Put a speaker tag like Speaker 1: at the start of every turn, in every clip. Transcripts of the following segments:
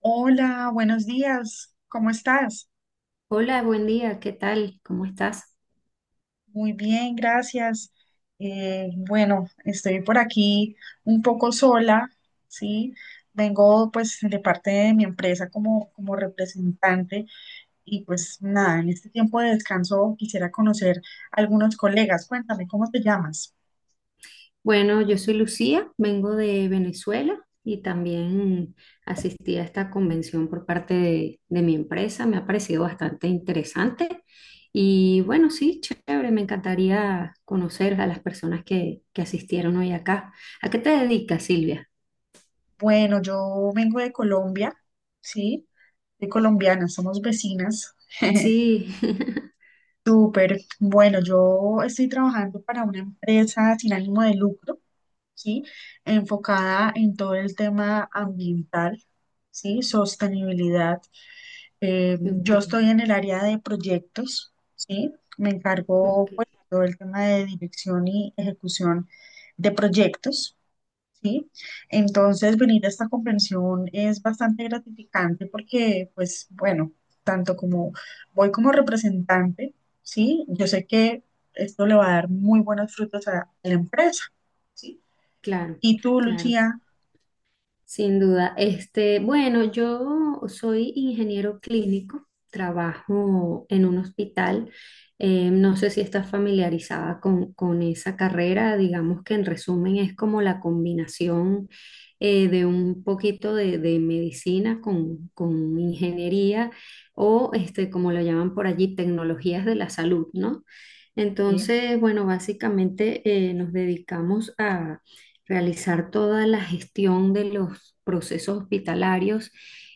Speaker 1: Hola, buenos días. ¿Cómo estás?
Speaker 2: Hola, buen día, ¿qué tal? ¿Cómo estás?
Speaker 1: Muy bien, gracias. Bueno, estoy por aquí un poco sola, ¿sí? Vengo pues de parte de mi empresa como representante y pues nada, en este tiempo de descanso quisiera conocer a algunos colegas. Cuéntame, ¿cómo te llamas?
Speaker 2: Bueno, yo soy Lucía, vengo de Venezuela y también asistí a esta convención por parte de mi empresa. Me ha parecido bastante interesante y bueno, sí, chévere, me encantaría conocer a las personas que asistieron hoy acá. ¿A qué te dedicas, Silvia?
Speaker 1: Bueno, yo vengo de Colombia, ¿sí? Soy colombiana, somos vecinas.
Speaker 2: Sí,
Speaker 1: Súper. Bueno, yo estoy trabajando para una empresa sin ánimo de lucro, ¿sí? Enfocada en todo el tema ambiental, ¿sí? Sostenibilidad.
Speaker 2: ok,
Speaker 1: Yo estoy en el área de proyectos, ¿sí? Me
Speaker 2: ok,
Speaker 1: encargo, pues, de todo el tema de dirección y ejecución de proyectos. ¿Sí? Entonces, venir a esta comprensión es bastante gratificante porque, pues, bueno, tanto como voy como representante, ¿sí? Yo sé que esto le va a dar muy buenos frutos a la empresa, ¿sí?
Speaker 2: claro,
Speaker 1: Y tú,
Speaker 2: claro,
Speaker 1: Lucía,
Speaker 2: sin duda. Este, bueno, yo soy ingeniero clínico, trabajo en un hospital. No sé si estás familiarizada con esa carrera. Digamos que en resumen es como la combinación de un poquito de medicina con ingeniería o, este, como lo llaman por allí, tecnologías de la salud, ¿no?
Speaker 1: ¿sí?
Speaker 2: Entonces, bueno, básicamente nos dedicamos realizar toda la gestión de los procesos hospitalarios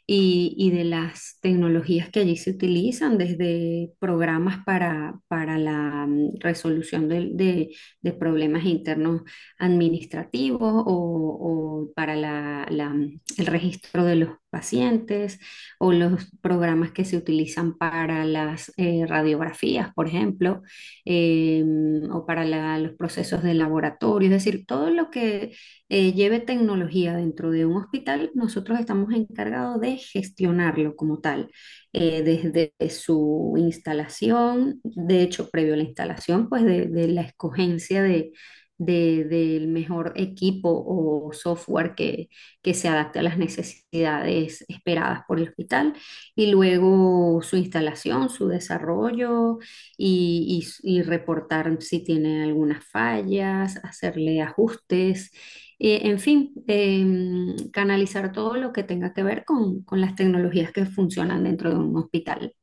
Speaker 2: y de las tecnologías que allí se utilizan, desde programas para la resolución de problemas internos administrativos o para la el registro de los pacientes o los programas que se utilizan para las radiografías, por ejemplo eh, o para los procesos de laboratorio, es decir, todo lo que lleve tecnología dentro de un hospital, nosotros estamos encargados de gestionarlo como tal, desde su instalación, de hecho, previo a la instalación, pues de la escogencia del mejor equipo o software que se adapte a las necesidades esperadas por el hospital y luego su instalación, su desarrollo y reportar si tiene algunas fallas, hacerle ajustes, en fin, canalizar todo lo que tenga que ver con las tecnologías que funcionan dentro de un hospital.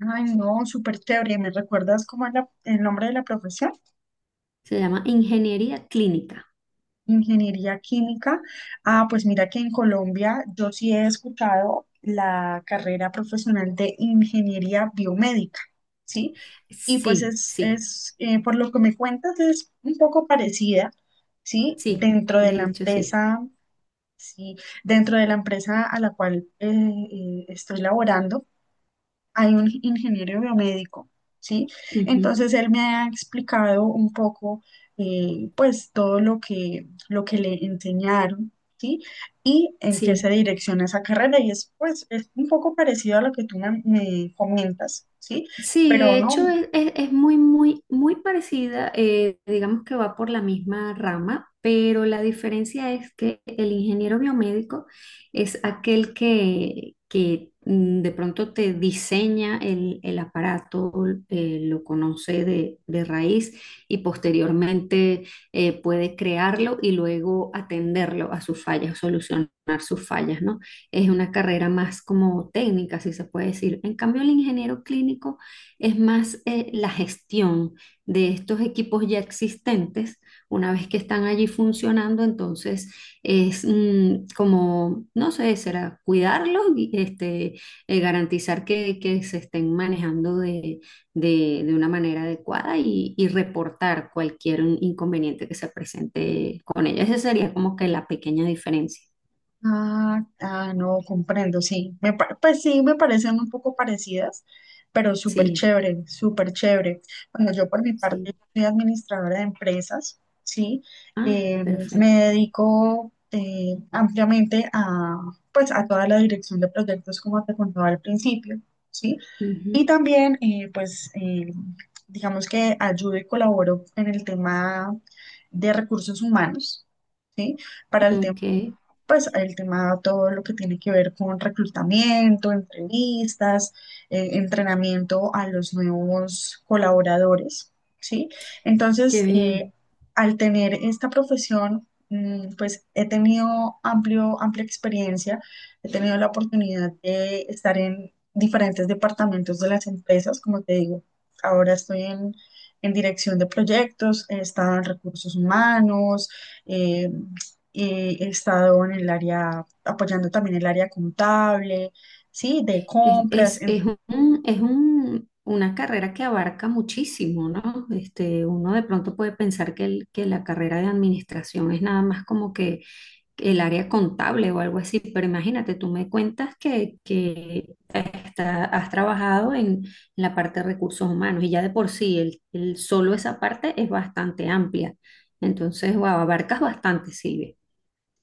Speaker 1: Ay, no, súper chévere. ¿Me recuerdas cómo es el nombre de la profesión?
Speaker 2: Se llama ingeniería clínica.
Speaker 1: Ingeniería química. Ah, pues mira que en Colombia yo sí he escuchado la carrera profesional de ingeniería biomédica, ¿sí? Y pues
Speaker 2: Sí, sí,
Speaker 1: es por lo que me cuentas, es un poco parecida, ¿sí?
Speaker 2: sí,
Speaker 1: Dentro de
Speaker 2: de
Speaker 1: la
Speaker 2: hecho sí.
Speaker 1: empresa, ¿sí? Dentro de la empresa a la cual estoy laborando, hay un ingeniero biomédico, ¿sí?
Speaker 2: Ujú,
Speaker 1: Entonces él me ha explicado un poco, pues, todo lo que le enseñaron, ¿sí? Y en qué se
Speaker 2: sí.
Speaker 1: direcciona esa carrera. Y es, pues, es un poco parecido a lo que tú me, me comentas, ¿sí?
Speaker 2: Sí,
Speaker 1: Pero
Speaker 2: de
Speaker 1: no.
Speaker 2: hecho es, es muy, muy, muy parecida, digamos que va por la misma rama, pero la diferencia es que el ingeniero biomédico es aquel que de pronto te diseña el aparato, lo conoce de raíz y posteriormente puede crearlo y luego atenderlo a sus fallas, solucionar sus fallas, ¿no? Es una carrera más como técnica, si se puede decir. En cambio, el ingeniero clínico es más la gestión de estos equipos ya existentes, una vez que están allí funcionando, entonces es como, no sé, será cuidarlos y este, garantizar que se estén manejando de una manera adecuada y reportar cualquier inconveniente que se presente con ellos. Esa sería como que la pequeña diferencia.
Speaker 1: Ah, ah, no, comprendo, sí. Pues sí, me parecen un poco parecidas, pero súper
Speaker 2: Sí,
Speaker 1: chévere, súper chévere. Bueno, yo por mi parte
Speaker 2: sí.
Speaker 1: soy administradora de empresas, ¿sí?
Speaker 2: Ah,
Speaker 1: Eh, Me
Speaker 2: perfecto.
Speaker 1: dedico ampliamente a, pues, a toda la dirección de proyectos, como te contaba al principio, ¿sí?
Speaker 2: Ujú.
Speaker 1: Y también, pues, digamos que ayudo y colaboro en el tema de recursos humanos, ¿sí? Para el tema
Speaker 2: Ok,
Speaker 1: Pues el tema, todo lo que tiene que ver con reclutamiento, entrevistas, entrenamiento a los nuevos colaboradores, ¿sí? Entonces,
Speaker 2: qué bien.
Speaker 1: al tener esta profesión, pues he tenido amplia experiencia, he tenido la oportunidad de estar en diferentes departamentos de las empresas, como te digo, ahora estoy en dirección de proyectos, he estado en recursos humanos, eh, he estado en el área, apoyando también el área contable, sí, de compras,
Speaker 2: Es,
Speaker 1: en-
Speaker 2: es un- una carrera que abarca muchísimo, ¿no? Este, uno de pronto puede pensar que, que la carrera de administración es nada más como que el área contable o algo así, pero imagínate, tú me cuentas que has trabajado en la parte de recursos humanos y ya de por sí solo esa parte es bastante amplia. Entonces, wow, abarcas bastante, Silvia.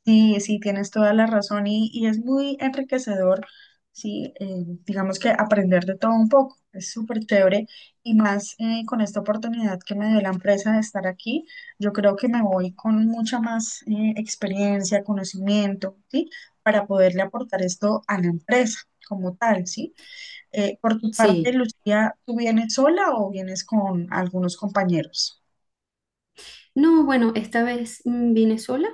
Speaker 1: sí, sí, tienes toda la razón y es muy enriquecedor, sí, digamos que aprender de todo un poco, es súper chévere y más con esta oportunidad que me dio la empresa de estar aquí, yo creo que me voy con mucha más experiencia, conocimiento, sí, para poderle aportar esto a la empresa como tal, sí. Por tu parte,
Speaker 2: Sí.
Speaker 1: Lucía, ¿tú vienes sola o vienes con algunos compañeros?
Speaker 2: No, bueno, esta vez vine sola,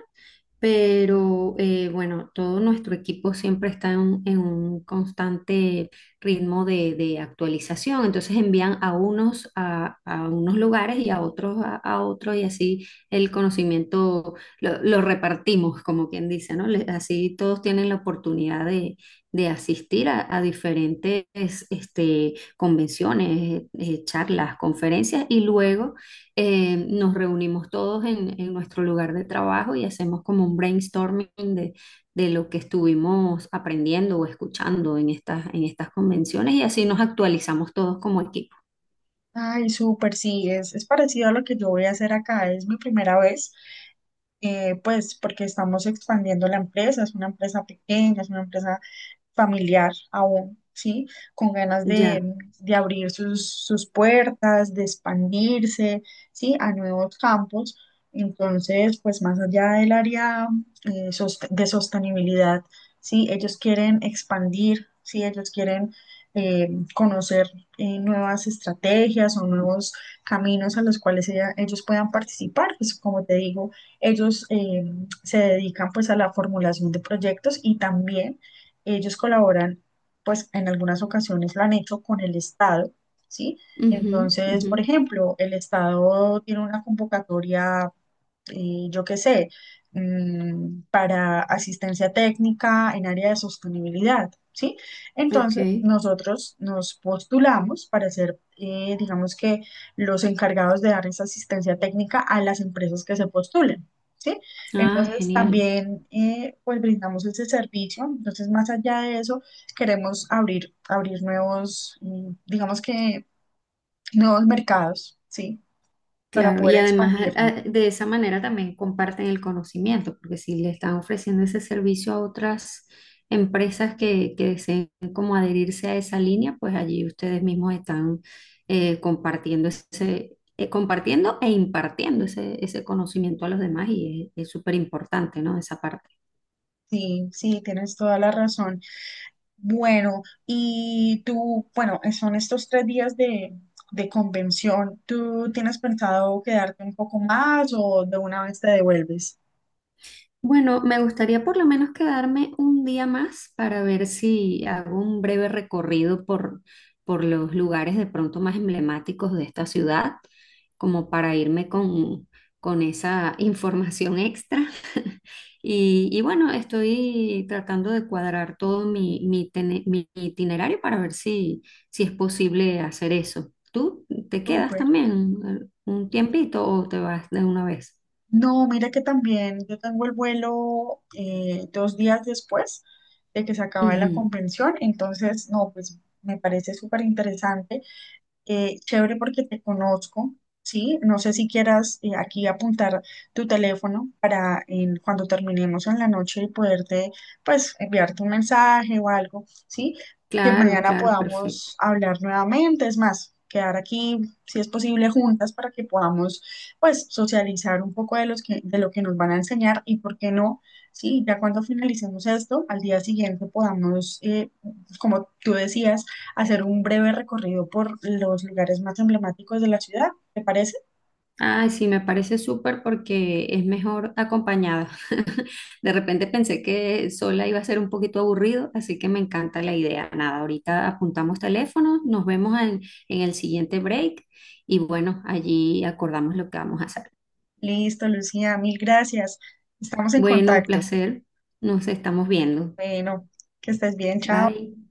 Speaker 2: pero bueno, todo nuestro equipo siempre está en un constante ritmo de actualización, entonces envían a unos a unos lugares y a otros a otros y así el conocimiento lo repartimos, como quien dice, ¿no? Le- así todos tienen la oportunidad de asistir a diferentes este, convenciones, charlas, conferencias y luego nos reunimos todos en nuestro lugar de trabajo y hacemos como un brainstorming de lo que estuvimos aprendiendo o escuchando en estas convenciones y así nos actualizamos todos como equipo.
Speaker 1: Ay, súper, sí, es parecido a lo que yo voy a hacer acá, es mi primera vez, pues porque estamos expandiendo la empresa, es una empresa pequeña, es una empresa familiar aún, ¿sí? Con ganas
Speaker 2: Ya.
Speaker 1: de abrir sus, sus puertas, de expandirse, ¿sí? A nuevos campos. Entonces, pues más allá del área de sostenibilidad, ¿sí? Ellos quieren expandir, ¿sí? Ellos quieren eh, conocer nuevas estrategias o nuevos caminos a los cuales ellos puedan participar. Pues como te digo, ellos se dedican pues a la formulación de proyectos y también ellos colaboran, pues en algunas ocasiones lo han hecho con el Estado, ¿sí?
Speaker 2: Ujú,
Speaker 1: Entonces,
Speaker 2: ujú.
Speaker 1: por ejemplo, el Estado tiene una convocatoria yo qué sé, para asistencia técnica en área de sostenibilidad, ¿sí?
Speaker 2: Ok.
Speaker 1: Entonces, nosotros nos postulamos para ser, digamos que, los encargados de dar esa asistencia técnica a las empresas que se postulen. ¿Sí?
Speaker 2: Ah,
Speaker 1: Entonces
Speaker 2: genial.
Speaker 1: también pues brindamos ese servicio. Entonces, más allá de eso, queremos abrir nuevos, digamos que nuevos mercados, ¿sí? Para
Speaker 2: Claro,
Speaker 1: poder
Speaker 2: y además
Speaker 1: expandirnos.
Speaker 2: de esa manera también comparten el conocimiento, porque si le están ofreciendo ese servicio a otras empresas que deseen como adherirse a esa línea, pues allí ustedes mismos están compartiendo ese, compartiendo e impartiendo ese, ese conocimiento a los demás y es súper importante, ¿no? Esa parte.
Speaker 1: Sí, sí, tienes toda la razón. Bueno, y tú, bueno, son estos 3 días de convención. ¿Tú tienes pensado quedarte un poco más o de una vez te devuelves?
Speaker 2: Bueno, me gustaría por lo menos quedarme un día más para ver si hago un breve recorrido por los lugares de pronto más emblemáticos de esta ciudad, como para irme con esa información extra. Y bueno, estoy tratando de cuadrar todo mi, mi, mi itinerario para ver si, si es posible hacer eso. ¿Tú te quedas
Speaker 1: Súper.
Speaker 2: también un tiempito o te vas de una vez?
Speaker 1: No, mira que también yo tengo el vuelo 2 días después de que se acaba la convención, entonces, no, pues me parece súper interesante. Chévere porque te conozco, ¿sí? No sé si quieras aquí apuntar tu teléfono para en- cuando terminemos en la noche y poderte, pues, enviarte un mensaje o algo, ¿sí? Que
Speaker 2: Claro,
Speaker 1: mañana
Speaker 2: claro, perfecto.
Speaker 1: podamos hablar nuevamente, es más, quedar aquí, si es posible, juntas para que podamos, pues, socializar un poco de los que, de lo que nos van a enseñar y por qué no, ¿sí? Ya cuando finalicemos esto, al día siguiente podamos, como tú decías, hacer un breve recorrido por los lugares más emblemáticos de la ciudad. ¿Te parece?
Speaker 2: Ah, sí, me parece súper porque es mejor acompañada. De repente pensé que sola iba a ser un poquito aburrido, así que me encanta la idea. Nada, ahorita apuntamos teléfonos, nos vemos en el siguiente break y bueno, allí acordamos lo que vamos a hacer.
Speaker 1: Listo, Lucía, mil gracias. Estamos en
Speaker 2: Bueno, un
Speaker 1: contacto.
Speaker 2: placer. Nos estamos viendo.
Speaker 1: Bueno, que estés bien, chao.
Speaker 2: Bye.